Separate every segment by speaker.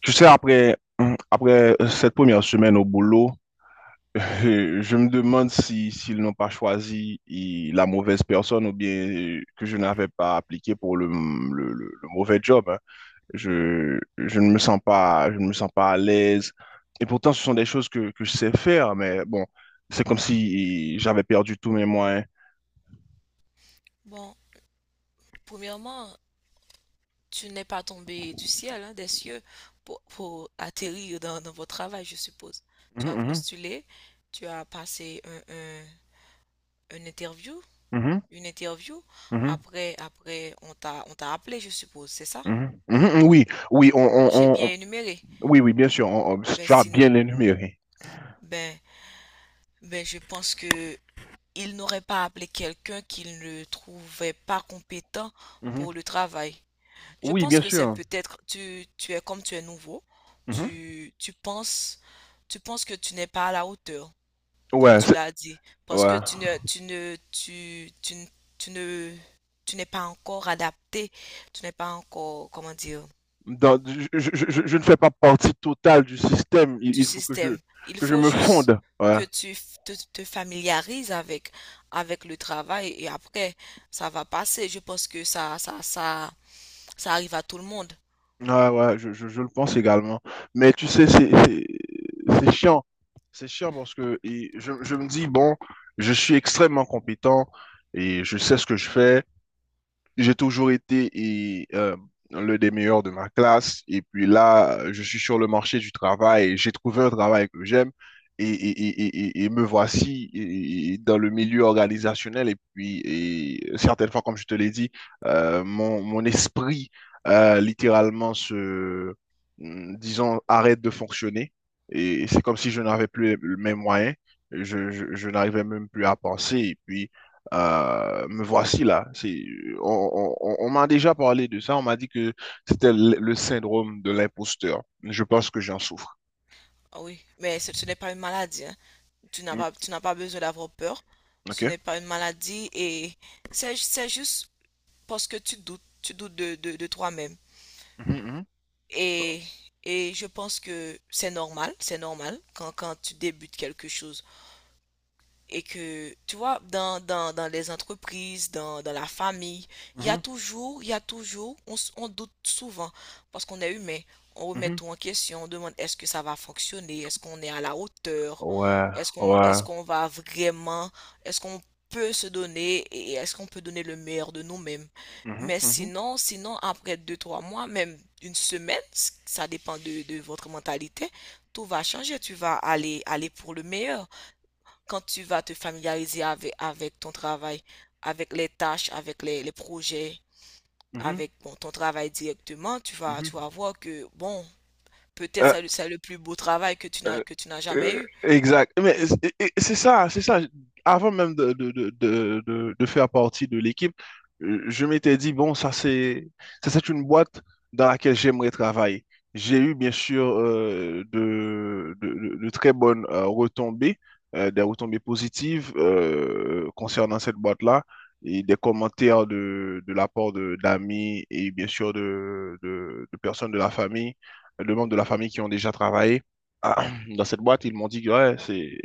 Speaker 1: Tu sais, après, après cette première semaine au boulot, je me demande si s'ils n'ont pas choisi la mauvaise personne ou bien que je n'avais pas appliqué pour le mauvais job, hein. Je ne me sens pas, je ne me sens pas à l'aise. Et pourtant, ce sont des choses que je sais faire, mais bon, c'est comme si j'avais perdu tous mes moyens.
Speaker 2: Bon, premièrement, tu n'es pas tombé du ciel, hein, des cieux, pour atterrir dans votre travail, je suppose. Tu as
Speaker 1: Mhm,
Speaker 2: postulé, tu as passé une interview,
Speaker 1: mhm,
Speaker 2: une interview.
Speaker 1: mhm,
Speaker 2: Après, on t'a appelé, je suppose, c'est ça?
Speaker 1: mhm, mhm, mhm, oui, oui,
Speaker 2: J'ai
Speaker 1: on- on-
Speaker 2: bien énuméré,
Speaker 1: oui, oui, bien sûr,
Speaker 2: ben,
Speaker 1: tu as bien énuméré.
Speaker 2: Ben, ben, je pense que il n'aurait pas appelé quelqu'un qu'il ne trouvait pas compétent
Speaker 1: Mhm.
Speaker 2: pour le travail. Je
Speaker 1: Oui,
Speaker 2: pense
Speaker 1: bien
Speaker 2: que c'est
Speaker 1: sûr.
Speaker 2: peut-être tu es comme tu es nouveau,
Speaker 1: Mhm.
Speaker 2: tu, tu penses que tu n'es pas à la hauteur, comme
Speaker 1: Ouais,
Speaker 2: tu l'as dit, parce que
Speaker 1: ouais.
Speaker 2: tu ne tu n'es pas encore adapté, tu n'es pas encore comment dire
Speaker 1: Je je- ne fais pas partie totale du système. Il,
Speaker 2: du
Speaker 1: il faut
Speaker 2: système. Il
Speaker 1: que je
Speaker 2: faut
Speaker 1: me
Speaker 2: juste
Speaker 1: fonde. Ouais.
Speaker 2: que te, te familiarises avec le travail et après ça va passer. Je pense que ça ça arrive à tout le monde.
Speaker 1: Ouais, ouais, je le pense également. Mais tu sais, c'est chiant. C'est chiant parce que et je me dis, bon, je suis extrêmement compétent et je sais ce que je fais. J'ai toujours été et, l'un des meilleurs de ma classe. Et puis là, je suis sur le marché du travail. J'ai trouvé un travail que j'aime. Et me voici et dans le milieu organisationnel. Et puis, et certaines fois, comme je te l'ai dit, mon esprit littéralement disons, arrête de fonctionner. Et c'est comme si je n'avais plus les mêmes moyens. Je n'arrivais même plus à penser. Et puis, me voici là. On m'a déjà parlé de ça. On m'a dit que c'était le syndrome de l'imposteur. Je pense que j'en souffre.
Speaker 2: Ah oui, mais ce n'est pas une maladie, hein.
Speaker 1: Mm,
Speaker 2: Tu n'as pas besoin d'avoir peur. Ce
Speaker 1: ok?
Speaker 2: n'est pas une maladie et c'est juste parce que tu doutes de toi-même.
Speaker 1: Mhm,
Speaker 2: Et, et je pense que c'est normal quand tu débutes quelque chose et que, tu vois, dans les entreprises, dans la famille,
Speaker 1: mhm,
Speaker 2: il y a toujours, on, on doute souvent parce qu'on est humain. On
Speaker 1: mhm,
Speaker 2: remet
Speaker 1: mhm.
Speaker 2: tout en question, on demande est-ce que ça va fonctionner, est-ce qu'on est à la hauteur,
Speaker 1: Ouais, ouais.
Speaker 2: est-ce qu'on va vraiment, est-ce qu'on peut se donner et est-ce qu'on peut donner le meilleur de nous-mêmes.
Speaker 1: Mhm,
Speaker 2: Mais
Speaker 1: mhm,
Speaker 2: sinon, après deux, trois mois, même une semaine, ça dépend de votre mentalité, tout va changer, aller pour le meilleur quand tu vas te familiariser avec ton travail, avec les tâches, avec les projets,
Speaker 1: mhm,
Speaker 2: avec bon, ton travail directement,
Speaker 1: mhm.
Speaker 2: tu vas voir que, bon, peut-être c'est c'est le plus beau travail que
Speaker 1: Euh,
Speaker 2: que tu n'as jamais eu.
Speaker 1: Exact. Mais et c'est ça, c'est ça. Avant même de faire partie de l'équipe, je m'étais dit, bon, ça c'est une boîte dans laquelle j'aimerais travailler. J'ai eu bien sûr de très bonnes retombées, des retombées positives concernant cette boîte-là et des commentaires de la part d'amis et bien sûr de personnes de la famille, de membres de la famille qui ont déjà travaillé. Ah, dans cette boîte, ils m'ont dit que, ouais,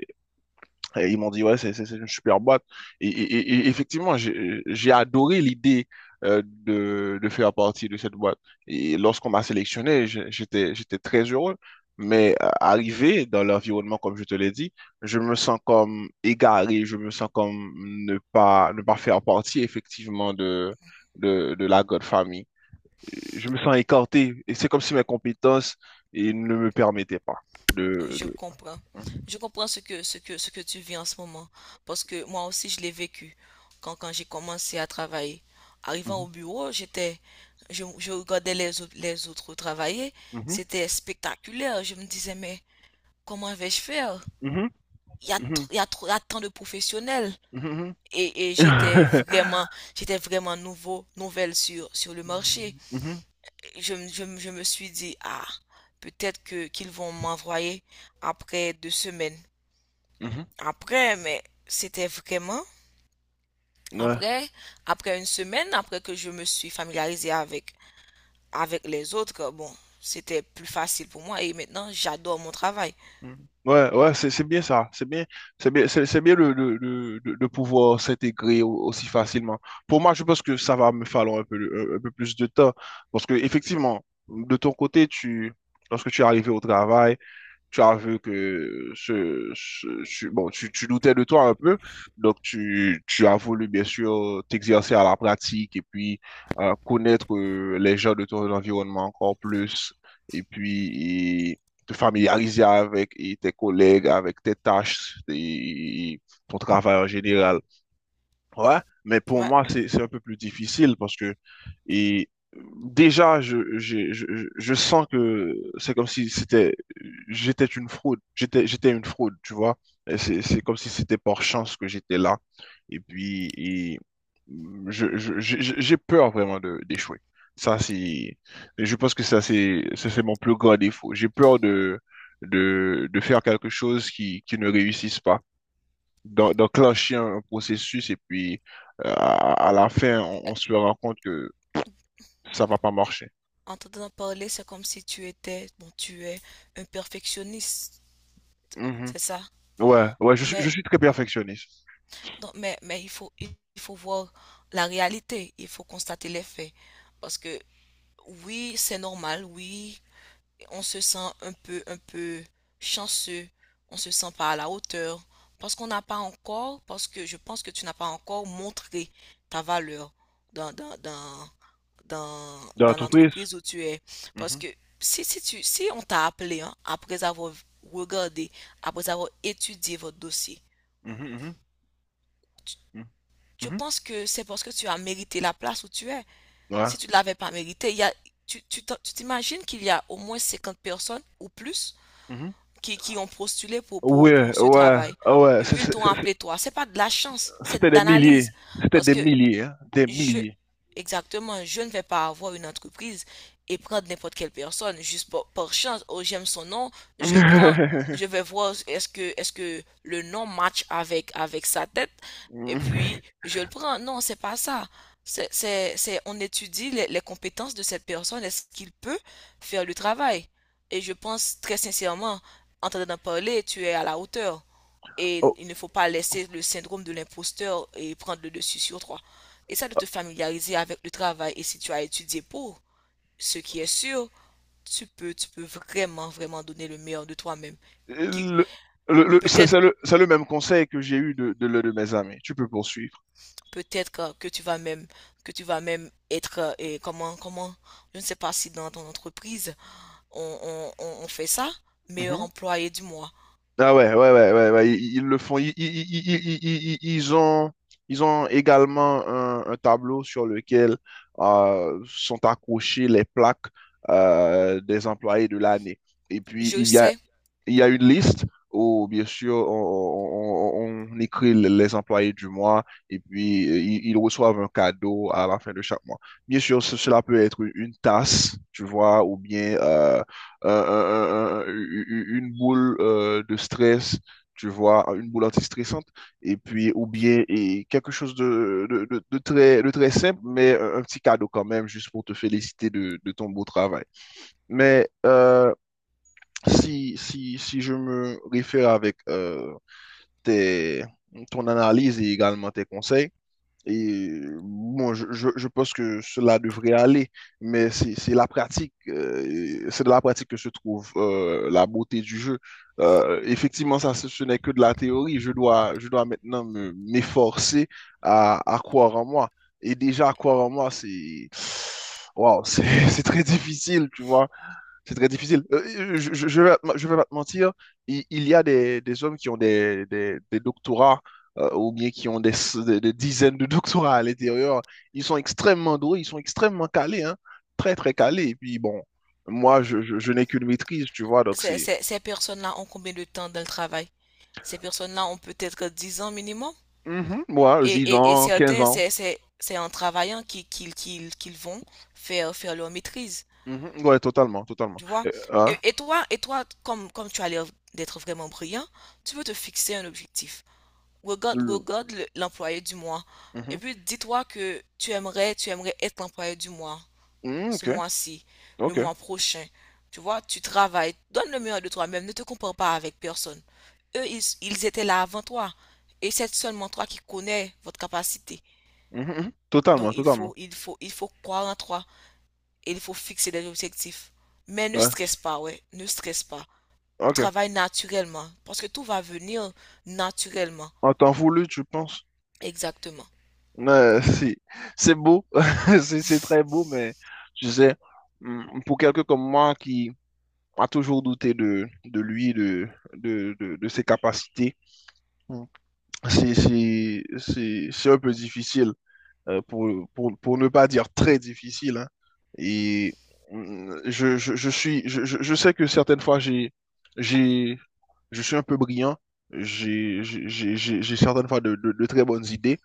Speaker 1: et ils m'ont dit ouais, c'est une super boîte. Et effectivement, j'ai adoré l'idée de faire partie de cette boîte. Et lorsqu'on m'a sélectionné, j'étais très heureux. Mais arrivé dans l'environnement, comme je te l'ai dit, je me sens comme égaré, je me sens comme ne pas faire partie effectivement de la grande famille. Je me sens écarté et c'est comme si mes compétences ils ne me permettaient pas de,
Speaker 2: Je comprends. Je comprends ce que, ce que tu vis en ce moment. Parce que moi aussi, je l'ai vécu. Quand j'ai commencé à travailler, arrivant
Speaker 1: de...
Speaker 2: au bureau, j'étais, je regardais les autres travailler.
Speaker 1: Mhm,
Speaker 2: C'était spectaculaire. Je me disais, mais comment vais-je faire?
Speaker 1: mhm,
Speaker 2: Il y a,
Speaker 1: mhm,
Speaker 2: il y a tant de professionnels.
Speaker 1: mhm,
Speaker 2: Et
Speaker 1: ouais, mhm,
Speaker 2: j'étais vraiment nouveau, nouvelle sur le marché.
Speaker 1: mhm,
Speaker 2: Et je me suis dit, ah, peut-être que qu'ils vont m'envoyer après 2 semaines.
Speaker 1: mhm.
Speaker 2: Après, mais c'était vraiment
Speaker 1: Ouais.
Speaker 2: après, après 1 semaine, après que je me suis familiarisée avec les autres, bon, c'était plus facile pour moi et maintenant j'adore mon travail.
Speaker 1: Mhm. Ouais, ouais, c'est bien ça, c'est bien, c'est bien, c'est bien de pouvoir s'intégrer aussi facilement. Pour moi, je pense que ça va me falloir un peu plus de temps parce que effectivement, de ton côté, lorsque tu es arrivé au travail, tu as vu que bon, tu doutais de toi un peu, donc tu as voulu bien sûr t'exercer à la pratique et puis connaître les gens de ton environnement encore plus et puis et te familiariser avec et tes collègues, avec tes tâches et ton travail en général. Ouais, mais pour
Speaker 2: Ouais,
Speaker 1: moi, c'est un peu plus difficile parce que et déjà, je sens que c'est comme si c'était j'étais une fraude. J'étais une fraude, tu vois. Et c'est comme si c'était par chance que j'étais là. Et puis, et j'ai peur vraiment d'échouer. Ça, c'est, je pense que ça, c'est mon plus grand défaut. J'ai peur de faire quelque chose qui ne réussisse pas d'enclencher un processus et puis à la fin, on se rend compte que ça va pas marcher.
Speaker 2: en t'entendant parler, c'est comme si tu étais, bon, tu es un perfectionniste,
Speaker 1: Mhm.
Speaker 2: c'est ça?
Speaker 1: Ouais, ouais, je
Speaker 2: Mais,
Speaker 1: suis très perfectionniste.
Speaker 2: non, mais il faut voir la réalité, il faut constater les faits. Parce que oui, c'est normal, oui, on se sent un peu chanceux, on se sent pas à la hauteur, parce qu'on n'a pas encore, parce que je pense que tu n'as pas encore montré ta valeur dans, dans, dans,
Speaker 1: Dans
Speaker 2: dans
Speaker 1: l'entreprise?
Speaker 2: l'entreprise où tu es. Parce
Speaker 1: Mhm,
Speaker 2: que si, si on t'a appelé, hein, après avoir regardé, après avoir étudié votre dossier,
Speaker 1: mhm, mhm, mhm,
Speaker 2: je
Speaker 1: mhm.
Speaker 2: pense que c'est parce que tu as mérité la place où tu es.
Speaker 1: Ouais.
Speaker 2: Si tu ne l'avais pas mérité, il y a, tu tu t'imagines qu'il y a au moins 50 personnes ou plus
Speaker 1: Mhm.
Speaker 2: qui ont postulé
Speaker 1: Ouais,
Speaker 2: pour ce
Speaker 1: ouais,
Speaker 2: travail.
Speaker 1: ah ouais,
Speaker 2: Et puis ils t'ont appelé toi. C'est pas de la chance, c'est
Speaker 1: c'était
Speaker 2: de
Speaker 1: des milliers.
Speaker 2: l'analyse.
Speaker 1: C'était
Speaker 2: Parce
Speaker 1: des
Speaker 2: que
Speaker 1: milliers, hein, des
Speaker 2: je,
Speaker 1: milliers.
Speaker 2: exactement, je ne vais pas avoir une entreprise et prendre n'importe quelle personne juste par chance. Oh, j'aime son nom, je le prends. Je vais voir est-ce que le nom match avec, avec sa tête et puis je le prends. Non, c'est pas ça. On étudie les compétences de cette personne. Est-ce qu'il peut faire le travail? Et je pense très sincèrement, en t'en parler, tu es à la hauteur. Et
Speaker 1: Oh,
Speaker 2: il ne faut pas laisser le syndrome de l'imposteur et prendre le dessus sur toi. Essaie de te familiariser avec le travail et si tu as étudié pour, ce qui est sûr, tu peux vraiment, vraiment donner le meilleur de toi-même. Qui-
Speaker 1: le-
Speaker 2: Peut-être,
Speaker 1: c'est le même conseil que j'ai eu de l'un de mes amis. Tu peux poursuivre.
Speaker 2: peut-être que tu vas même, que tu vas même être, et comment, comment, je ne sais pas si dans ton entreprise, on fait ça, meilleur
Speaker 1: Mhm.
Speaker 2: employé du mois.
Speaker 1: Ah ouais, ouais, ouais, ouais, ouais. Ils le font. Ils ont également un tableau sur lequel sont accrochées les plaques des employés de l'année. Et puis,
Speaker 2: Je
Speaker 1: il y a
Speaker 2: sais,
Speaker 1: il y a une liste où, bien sûr, on écrit les employés du mois et puis ils reçoivent un cadeau à la fin de chaque mois. Bien sûr, cela peut être une tasse, tu vois, ou bien une boule de stress, tu vois, une boule antistressante, et puis, ou bien et quelque chose de très simple, mais un petit cadeau quand même, juste pour te féliciter de ton beau travail. Mais si je me réfère avec tes, ton analyse et également tes conseils, et bon, je pense que cela devrait aller, mais c'est de la pratique que se trouve la beauté du jeu. Effectivement, ce n'est que de la théorie. Je dois maintenant m'efforcer à croire en moi. Et déjà, croire en moi, wow, c'est très difficile, tu vois. C'est très difficile. Je vais pas te mentir, il y a des hommes qui ont des doctorats ou bien qui ont des dizaines de doctorats à l'intérieur. Ils sont extrêmement doués, ils sont extrêmement calés, hein. Très, très calés. Et puis, bon, moi, je n'ai qu'une maîtrise, tu vois, donc c'est...
Speaker 2: ces personnes-là ont combien de temps dans le travail? Ces personnes-là ont peut-être 10 ans minimum.
Speaker 1: Mhm, moi, 10
Speaker 2: Et
Speaker 1: ans, 15
Speaker 2: certains,
Speaker 1: ans.
Speaker 2: c'est en travaillant qu'ils vont faire, faire leur maîtrise,
Speaker 1: Mhm, ouais, totalement, totalement.
Speaker 2: tu vois.
Speaker 1: Hein,
Speaker 2: Et toi, comme, comme tu as l'air d'être vraiment brillant, tu veux te fixer un objectif. Regarde,
Speaker 1: le-
Speaker 2: regarde l'employé du mois. Et
Speaker 1: mhm,
Speaker 2: puis dis-toi que tu aimerais être l'employé du mois,
Speaker 1: mhm,
Speaker 2: ce
Speaker 1: ok,
Speaker 2: mois-ci, le
Speaker 1: ok.
Speaker 2: mois prochain. Tu vois, tu travailles, donne le meilleur de toi-même, ne te compare pas avec personne. Eux, ils étaient là avant toi. Et c'est seulement toi qui connais votre capacité.
Speaker 1: Mhm, mhm,
Speaker 2: Donc
Speaker 1: totalement, totalement.
Speaker 2: il faut croire en toi et il faut fixer des objectifs. Mais ne
Speaker 1: Ouais,
Speaker 2: stresse pas, ouais, ne stresse pas.
Speaker 1: ok.
Speaker 2: Travaille naturellement parce que tout va venir naturellement.
Speaker 1: En temps voulu, tu penses...
Speaker 2: Exactement.
Speaker 1: Si, c'est beau, c'est très beau, mais tu sais, pour quelqu'un comme moi qui a toujours douté de lui, de ses capacités, mm, c'est un peu difficile, pour ne pas dire très difficile, hein. Et je suis, je sais que certaines fois, j'ai, je suis un peu brillant, j'ai certaines fois de très bonnes idées,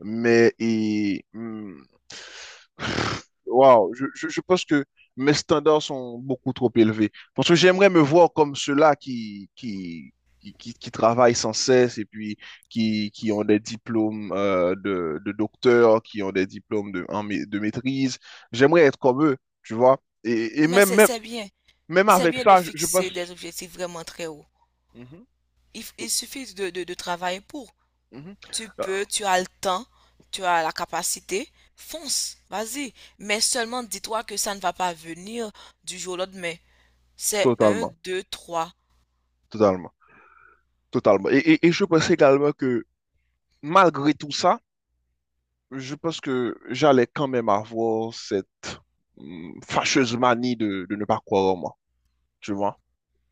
Speaker 1: mais et, waouh, je pense que mes standards sont beaucoup trop élevés. Parce que j'aimerais me voir comme ceux-là qui travaillent sans cesse et puis qui ont des diplômes de docteur, qui ont des diplômes de maîtrise. J'aimerais être comme eux, tu vois. Et
Speaker 2: Mais
Speaker 1: même,
Speaker 2: c'est
Speaker 1: même,
Speaker 2: c'est bien,
Speaker 1: même
Speaker 2: c'est
Speaker 1: avec
Speaker 2: bien de
Speaker 1: ça, je pense...
Speaker 2: fixer des objectifs vraiment très hauts.
Speaker 1: Mhm,
Speaker 2: Il, il suffit de travailler pour.
Speaker 1: mhm.
Speaker 2: Tu
Speaker 1: Euh,
Speaker 2: peux, tu as le temps, tu as la capacité, fonce, vas-y. Mais seulement dis-toi que ça ne va pas venir du jour au lendemain. C'est un,
Speaker 1: Totalement.
Speaker 2: deux, trois.
Speaker 1: Totalement, totalement. Et je pense également que malgré tout ça, je pense que j'allais quand même avoir cette fâcheuse manie de ne pas croire en moi, tu vois.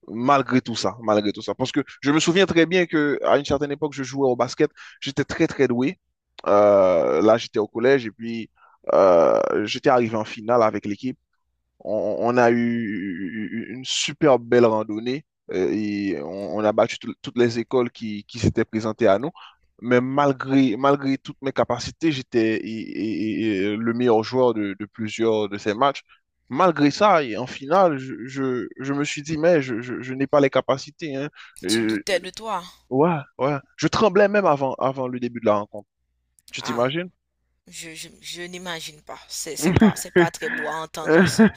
Speaker 1: Malgré tout ça, malgré tout ça. Parce que je me souviens très bien que à une certaine époque, je jouais au basket, j'étais très très doué. Là, j'étais au collège et puis euh, j'étais arrivé en finale avec l'équipe. On a eu une super belle randonnée et on a battu toutes les écoles qui s'étaient présentées à nous. Mais malgré toutes mes capacités, j'étais et le meilleur joueur de plusieurs de ces matchs. Malgré ça, et en finale, je me suis dit, mais je n'ai pas les capacités, hein.
Speaker 2: Tu te
Speaker 1: Euh,
Speaker 2: doutais de toi.
Speaker 1: ouais, ouais. Je tremblais même avant le début de la rencontre. Tu
Speaker 2: Ah,
Speaker 1: t'imagines?
Speaker 2: Je n'imagine pas. C'est, c'est pas très beau à entendre.
Speaker 1: Mhm,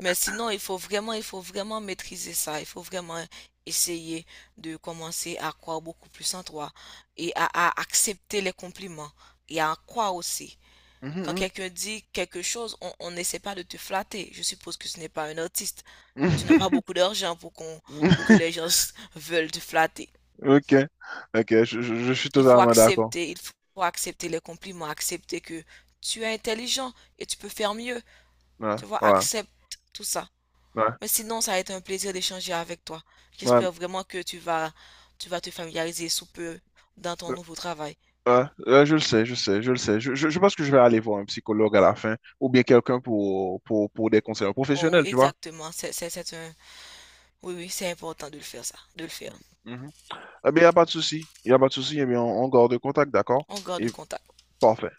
Speaker 2: Mais sinon, il faut vraiment maîtriser ça. Il faut vraiment essayer de commencer à croire beaucoup plus en toi et à accepter les compliments et à en croire aussi. Quand quelqu'un dit quelque chose, on n'essaie pas de te flatter. Je suppose que ce n'est pas un artiste. Tu n'as pas
Speaker 1: mhm.
Speaker 2: beaucoup d'argent pour que les gens veulent te flatter.
Speaker 1: Ok, ok, je suis totalement d'accord.
Speaker 2: Il faut accepter les compliments, accepter que tu es intelligent et tu peux faire mieux.
Speaker 1: Ouais,
Speaker 2: Tu vois,
Speaker 1: ouais,
Speaker 2: accepte tout ça.
Speaker 1: ouais,
Speaker 2: Mais sinon, ça a été un plaisir d'échanger avec toi.
Speaker 1: ouais,
Speaker 2: J'espère vraiment que tu vas te familiariser sous peu dans ton
Speaker 1: euh,
Speaker 2: nouveau travail.
Speaker 1: ouais, je le sais, je le sais. Je pense que je vais aller voir un psychologue à la fin, ou bien quelqu'un pour des conseils
Speaker 2: Oh,
Speaker 1: professionnels,
Speaker 2: oui,
Speaker 1: tu vois.
Speaker 2: exactement, c'est un... Oui, oui, c'est important de le faire, ça, de le faire.
Speaker 1: Mhm. Eh bien, il n'y a pas de souci, il n'y a pas de souci, eh bien, on garde contact, d'accord?
Speaker 2: On
Speaker 1: Et
Speaker 2: garde contact.
Speaker 1: parfait.